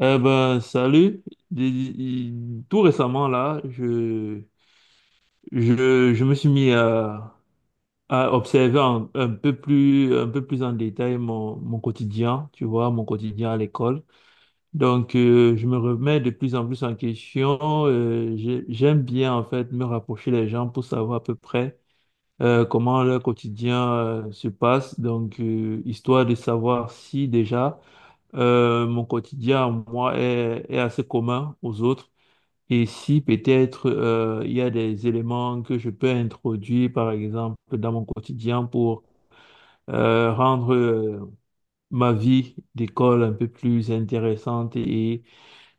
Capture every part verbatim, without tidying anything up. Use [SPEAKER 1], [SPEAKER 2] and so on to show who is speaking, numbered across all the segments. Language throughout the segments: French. [SPEAKER 1] Eh ben, salut. Dé- Tout récemment, là, je, je, je me suis mis à, à observer un, un peu plus, un peu plus en détail mon, mon quotidien, tu vois, mon quotidien à l'école. Donc, euh, je me remets de plus en plus en question. Euh, j'ai- j'aime bien, en fait, me rapprocher des gens pour savoir à peu près euh, comment leur quotidien euh, se passe. Donc, euh, histoire de savoir si déjà euh, mon quotidien, moi, est est assez commun aux autres. Et si peut-être euh, il y a des éléments que je peux introduire, par exemple, dans mon quotidien pour euh, rendre euh, ma vie d'école un peu plus intéressante et,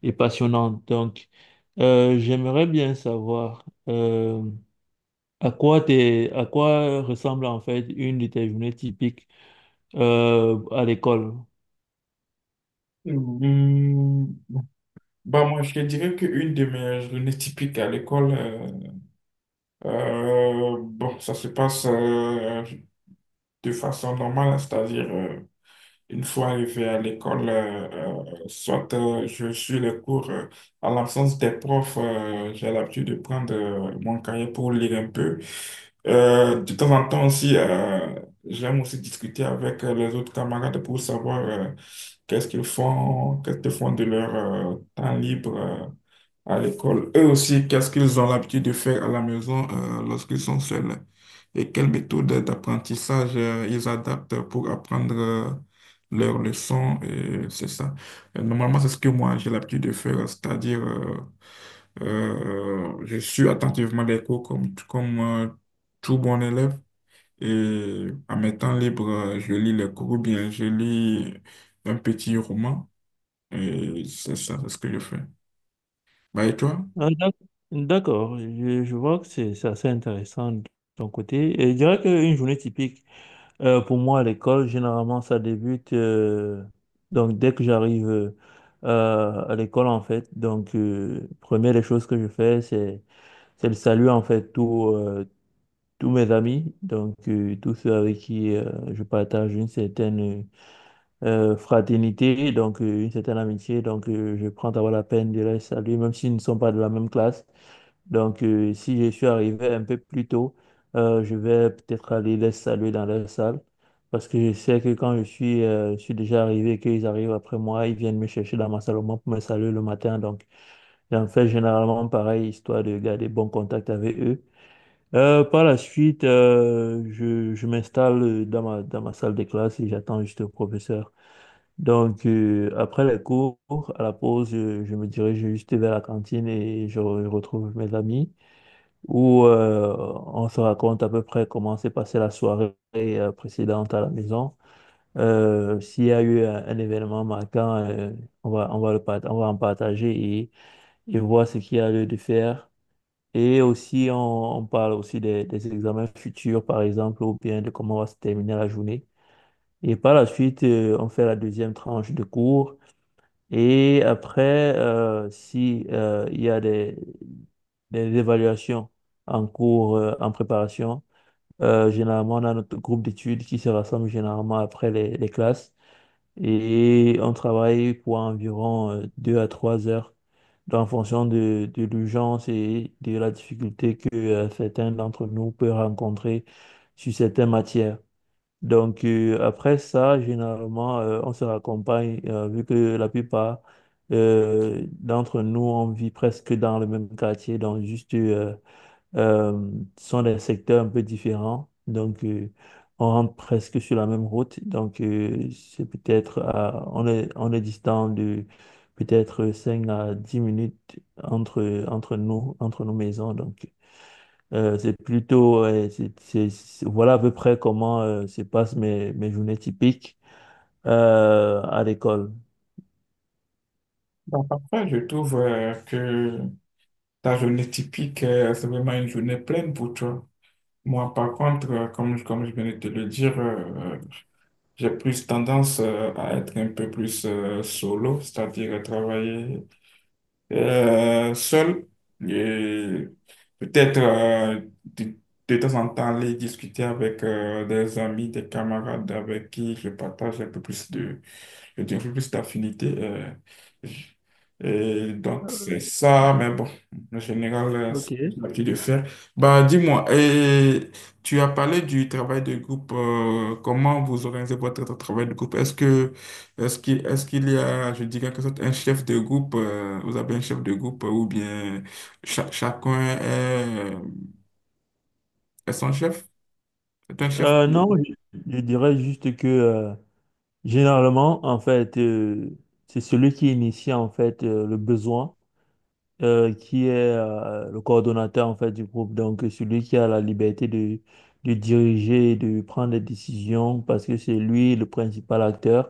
[SPEAKER 1] et passionnante. Donc, euh, j'aimerais bien savoir euh, à quoi t'es- à quoi ressemble en fait une de tes journées typiques euh, à l'école.
[SPEAKER 2] Hmm. Bah moi, je te dirais qu'une de mes journées typiques à l'école, euh, euh, bon, ça se passe, euh, de façon normale, c'est-à-dire, euh, une fois arrivé à l'école, euh, euh, soit, euh, je suis les cours, euh, en l'absence des profs. Euh, j'ai l'habitude de prendre, euh, mon cahier pour lire un peu. Euh, de temps en temps aussi, euh, j'aime aussi discuter avec, euh, les autres camarades pour savoir, euh, qu'est-ce qu'ils font, qu'est-ce qu'ils font de leur, euh, temps libre, euh, à l'école. Eux aussi, qu'est-ce qu'ils ont l'habitude de faire à la maison, euh, lorsqu'ils sont seuls, et quelles méthodes d'apprentissage, euh, ils adaptent pour apprendre, euh, leurs leçons. Et c'est ça. Euh, Normalement, c'est ce que moi, j'ai l'habitude de faire, c'est-à-dire, euh, euh, je suis attentivement les cours comme, comme euh, tout bon élève, et à mes temps libres, euh, je lis les cours ou bien je lis un petit roman. Et c'est ça, c'est ce que je fais. Bah, et toi?
[SPEAKER 1] Ah, d'ac- D'accord, je, je vois que c'est c'est assez intéressant de ton côté. Et je dirais qu'une journée typique. Euh, pour moi, à l'école, généralement, ça débute euh, donc dès que j'arrive euh, euh, à l'école, en fait. Donc, euh, première des choses que je fais, c'est c'est le salut, en fait, tous euh, tous mes amis, donc euh, tous ceux avec qui euh, je partage une certaine euh, fraternité, donc euh, une certaine amitié. Donc, euh, je prends d'abord la peine de les saluer, même s'ils ne sont pas de la même classe. Donc, euh, si je suis arrivé un peu plus tôt, euh, je vais peut-être aller les saluer dans leur salle. Parce que je sais que quand je suis, euh, je suis déjà arrivé et qu'ils arrivent après moi, ils viennent me chercher dans ma salle au moins pour me saluer le matin. Donc, j'en fais généralement pareil, histoire de garder bon contact avec eux. Euh, par la suite, euh, je, je m'installe dans ma, dans ma salle de classe et j'attends juste le professeur. Donc, euh, après les cours, à la pause, je, je me dirige juste vers la cantine et je re- retrouve mes amis où euh, on se raconte à peu près comment s'est passée la soirée euh, précédente à la maison. Euh, s'il y a eu un, un événement marquant, euh, on va, on va le, part- on va en partager et, et voir ce qu'il y a lieu de faire. Et aussi, on, on parle aussi des, des examens futurs, par exemple, ou bien de comment va se terminer la journée. Et par la suite, euh, on fait la deuxième tranche de cours. Et après, euh, si euh, il y a des, des évaluations en cours, euh, en préparation, euh, généralement, on a notre groupe d'études qui se rassemble généralement après les, les classes et on travaille pour environ euh, deux à trois heures. Donc, en fonction de, de l'urgence et de la difficulté que euh, certains d'entre nous peuvent rencontrer sur certaines matières. Donc, euh, après ça, généralement, euh, on se raccompagne, euh, vu que la plupart euh, d'entre nous, on vit presque dans le même quartier, donc juste, euh, euh, ce sont des secteurs un peu différents. Donc, euh, on rentre presque sur la même route. Donc, euh, c'est peut-être, à- on est, on est distant de peut-être cinq à dix minutes entre, entre nous, entre nos maisons. Donc, euh, c'est plutôt, ouais, c'est, c'est- c'est- voilà à peu près comment euh, se passent mes, mes journées typiques euh, à l'école.
[SPEAKER 2] Bah, parfois, je trouve euh, que ta journée typique, euh, c'est vraiment une journée pleine pour toi. Moi, par contre, euh, comme, comme je venais de te le dire, euh, j'ai plus tendance, euh, à être un peu plus, euh, solo, c'est-à-dire à travailler, euh, seul, et peut-être, euh, de, de temps en temps aller discuter avec, euh, des amis, des camarades avec qui je partage un peu plus de, je dirais plus d'affinité. euh, je- Et donc, c'est ça, mais bon, en général, euh, c'est ce que j'ai
[SPEAKER 1] Ok.
[SPEAKER 2] l'habitude de faire. Bah, dis-moi, et tu as parlé du travail de groupe. Euh, comment vous organisez votre tra- travail de groupe? Est-ce que, est-ce qu'il, est-ce qu'il y a, je dirais, quelque sorte, un chef de groupe? Euh, vous avez un chef de groupe, euh, ou bien cha- chacun est, est son chef? C'est un chef?
[SPEAKER 1] Euh, non, je, je dirais juste que euh, généralement, en fait, euh, c'est celui qui initie en fait euh, le besoin, euh, qui est euh, le coordonnateur en fait du groupe. Donc, celui qui a la liberté de, de diriger, et de prendre des décisions, parce que c'est lui le principal acteur.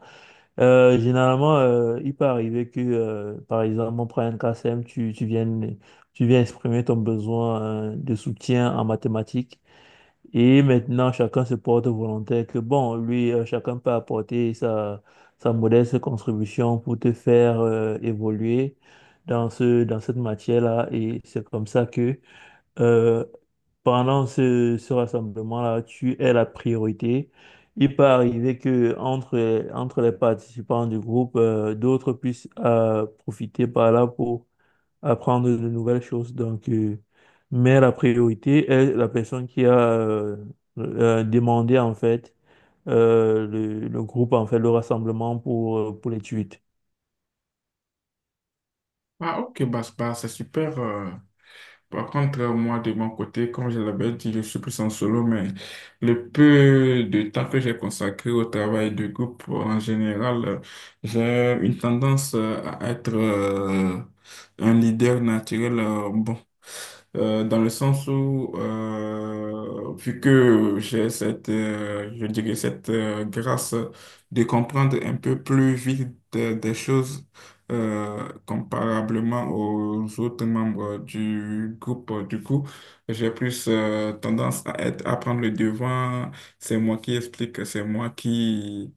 [SPEAKER 1] Euh, généralement, euh, il peut arriver que, euh, par exemple, on prend un K C M, tu, tu viennes, tu viens exprimer ton besoin euh, de soutien en mathématiques. Et maintenant, chacun se porte volontaire que, bon, lui, euh, chacun peut apporter sa, sa modeste contribution pour te faire euh, évoluer dans ce, dans cette matière-là. Et c'est comme ça que, euh, pendant ce, ce rassemblement-là, tu es la priorité. Il peut arriver que entre, entre les participants du groupe, euh, d'autres puissent euh, profiter par là pour apprendre de nouvelles choses. Donc, euh, mais la priorité est la personne qui a euh, euh, demandé en fait euh, le, le groupe, en fait, le rassemblement pour, euh, pour les tweets.
[SPEAKER 2] Ah, ok, bah, c'est bah, c'est super. euh, Par contre, euh, moi, de mon côté, comme je l'avais dit, je suis plus en solo, mais le peu de temps que j'ai consacré au travail de groupe, euh, en général, euh, j'ai une tendance, euh, à être, euh, un leader naturel, euh, bon, euh, dans le sens où, euh, vu que j'ai cette, euh, je dirais, cette, euh, grâce de comprendre un peu plus vite des des choses, euh, comparablement aux autres membres du groupe. Du coup, j'ai plus, euh, tendance à être, à prendre le devant. C'est moi qui explique, c'est moi qui,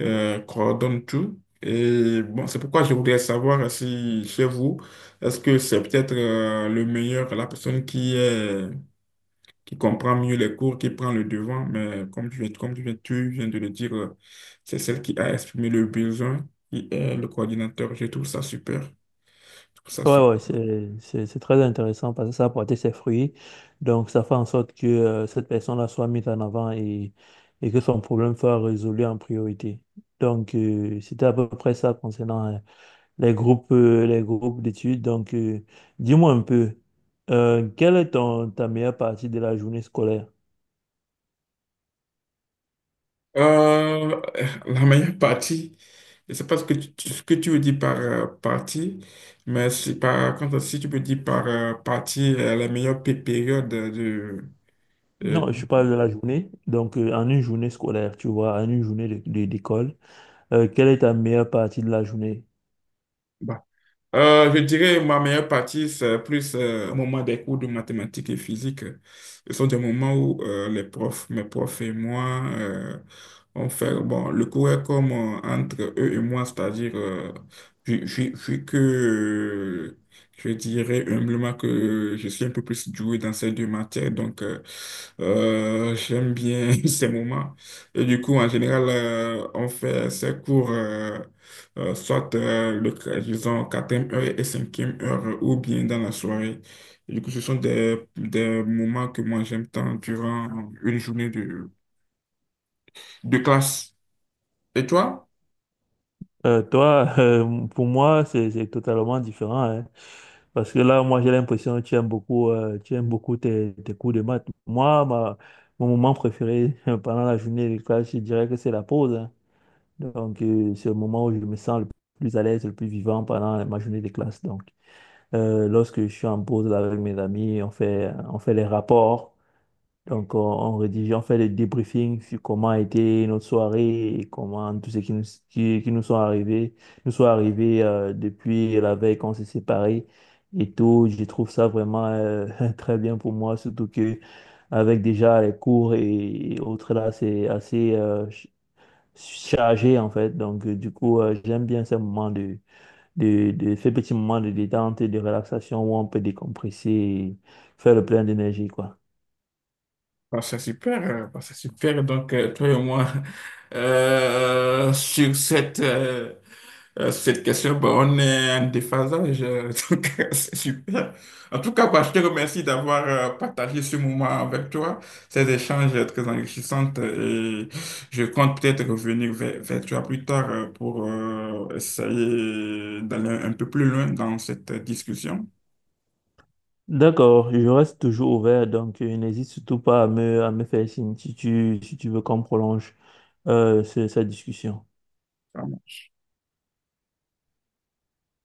[SPEAKER 2] euh, coordonne tout. Et bon, c'est pourquoi je voudrais savoir si chez vous, est-ce que c'est peut-être, euh, le meilleur, la personne qui est qui comprend mieux les cours, qui prend le devant, mais comme tu viens, comme tu viens, tu viens de le dire, euh, c'est celle qui a exprimé le besoin, qui est le coordinateur. Je trouve ça super. Je trouve ça super.
[SPEAKER 1] Ouais, ouais, c'est, c'est, c'est très intéressant parce que ça a porté ses fruits. Donc, ça fait en sorte que euh, cette personne-là soit mise en avant et, et que son problème soit résolu en priorité. Donc, euh, c'était à peu près ça concernant euh, les groupes, euh, les groupes d'études. Donc, euh, dis-moi un peu, euh, quelle est ton, ta meilleure partie de la journée scolaire?
[SPEAKER 2] Euh, la meilleure partie, je sais pas ce que tu, ce que tu veux dire par, euh, partie, mais si, par contre, si tu peux dire par, euh, partie, euh, la meilleure pé- période de, de...
[SPEAKER 1] Non, je parle de la journée. Donc, euh, en une journée scolaire, tu vois, en une journée de- de- d'école, euh, quelle est ta meilleure partie de la journée?
[SPEAKER 2] Euh, je dirais ma meilleure partie, c'est plus, euh, au moment des cours de mathématiques et physique. Ce sont des moments où, euh, les profs, mes profs et moi, euh, on fait, bon, le cours est comme, euh, entre eux et moi, c'est-à-dire, euh, vu, vu- vu que, euh, je dirais humblement que je suis un peu plus doué dans ces deux matières, donc, euh, euh, j'aime bien ces moments. Et du coup, en général, euh, on fait ces cours, euh, euh, soit, euh, le, disons, quatrième heure et cinquième heure, euh, ou bien dans la soirée. Et du coup, ce sont des, des moments que moi j'aime tant durant une journée de, de classe. Et toi?
[SPEAKER 1] Euh, toi, euh, pour moi, c'est c'est totalement différent, hein. Parce que là, moi, j'ai l'impression que tu aimes beaucoup, euh, tu aimes beaucoup tes, tes cours de maths. Moi, ma- mon moment préféré pendant la journée de classe, je dirais que c'est la pause, hein. Donc, euh, c'est le moment où je me sens le plus à l'aise, le plus vivant pendant ma journée de classe. Donc, euh, lorsque je suis en pause là, avec mes amis, on fait, on fait les rapports. Donc, on, on rédige, on fait des débriefings sur comment a été notre soirée et comment tout ce qui nous, qui, qui nous sont arrivés, nous sont arrivés euh, depuis la veille qu'on s'est séparés et tout. Je trouve ça vraiment euh, très bien pour moi, surtout que avec déjà les cours et, et autres là, c'est assez euh, ch- chargé en fait. Donc, euh, du coup, euh, j'aime bien ces moments de, de, de ces petits moments de détente et de relaxation où on peut décompresser et faire le plein d'énergie, quoi.
[SPEAKER 2] Bah, c'est super, euh, bah, c'est super. Donc, euh, toi et moi, euh, sur cette, euh, euh, cette question, bah, on est en déphasage. euh, donc, euh, c'est super. En tout cas, bah, je te remercie d'avoir, euh, partagé ce moment avec toi, ces échanges, euh, très enrichissants. euh, Et je compte peut-être revenir vers, vers toi plus tard, euh, pour, euh, essayer d'aller un peu plus loin dans cette discussion.
[SPEAKER 1] D'accord, je reste toujours ouvert, donc euh, n'hésite surtout pas à me, à me faire signe si tu, si tu veux qu'on prolonge euh, ce- cette discussion.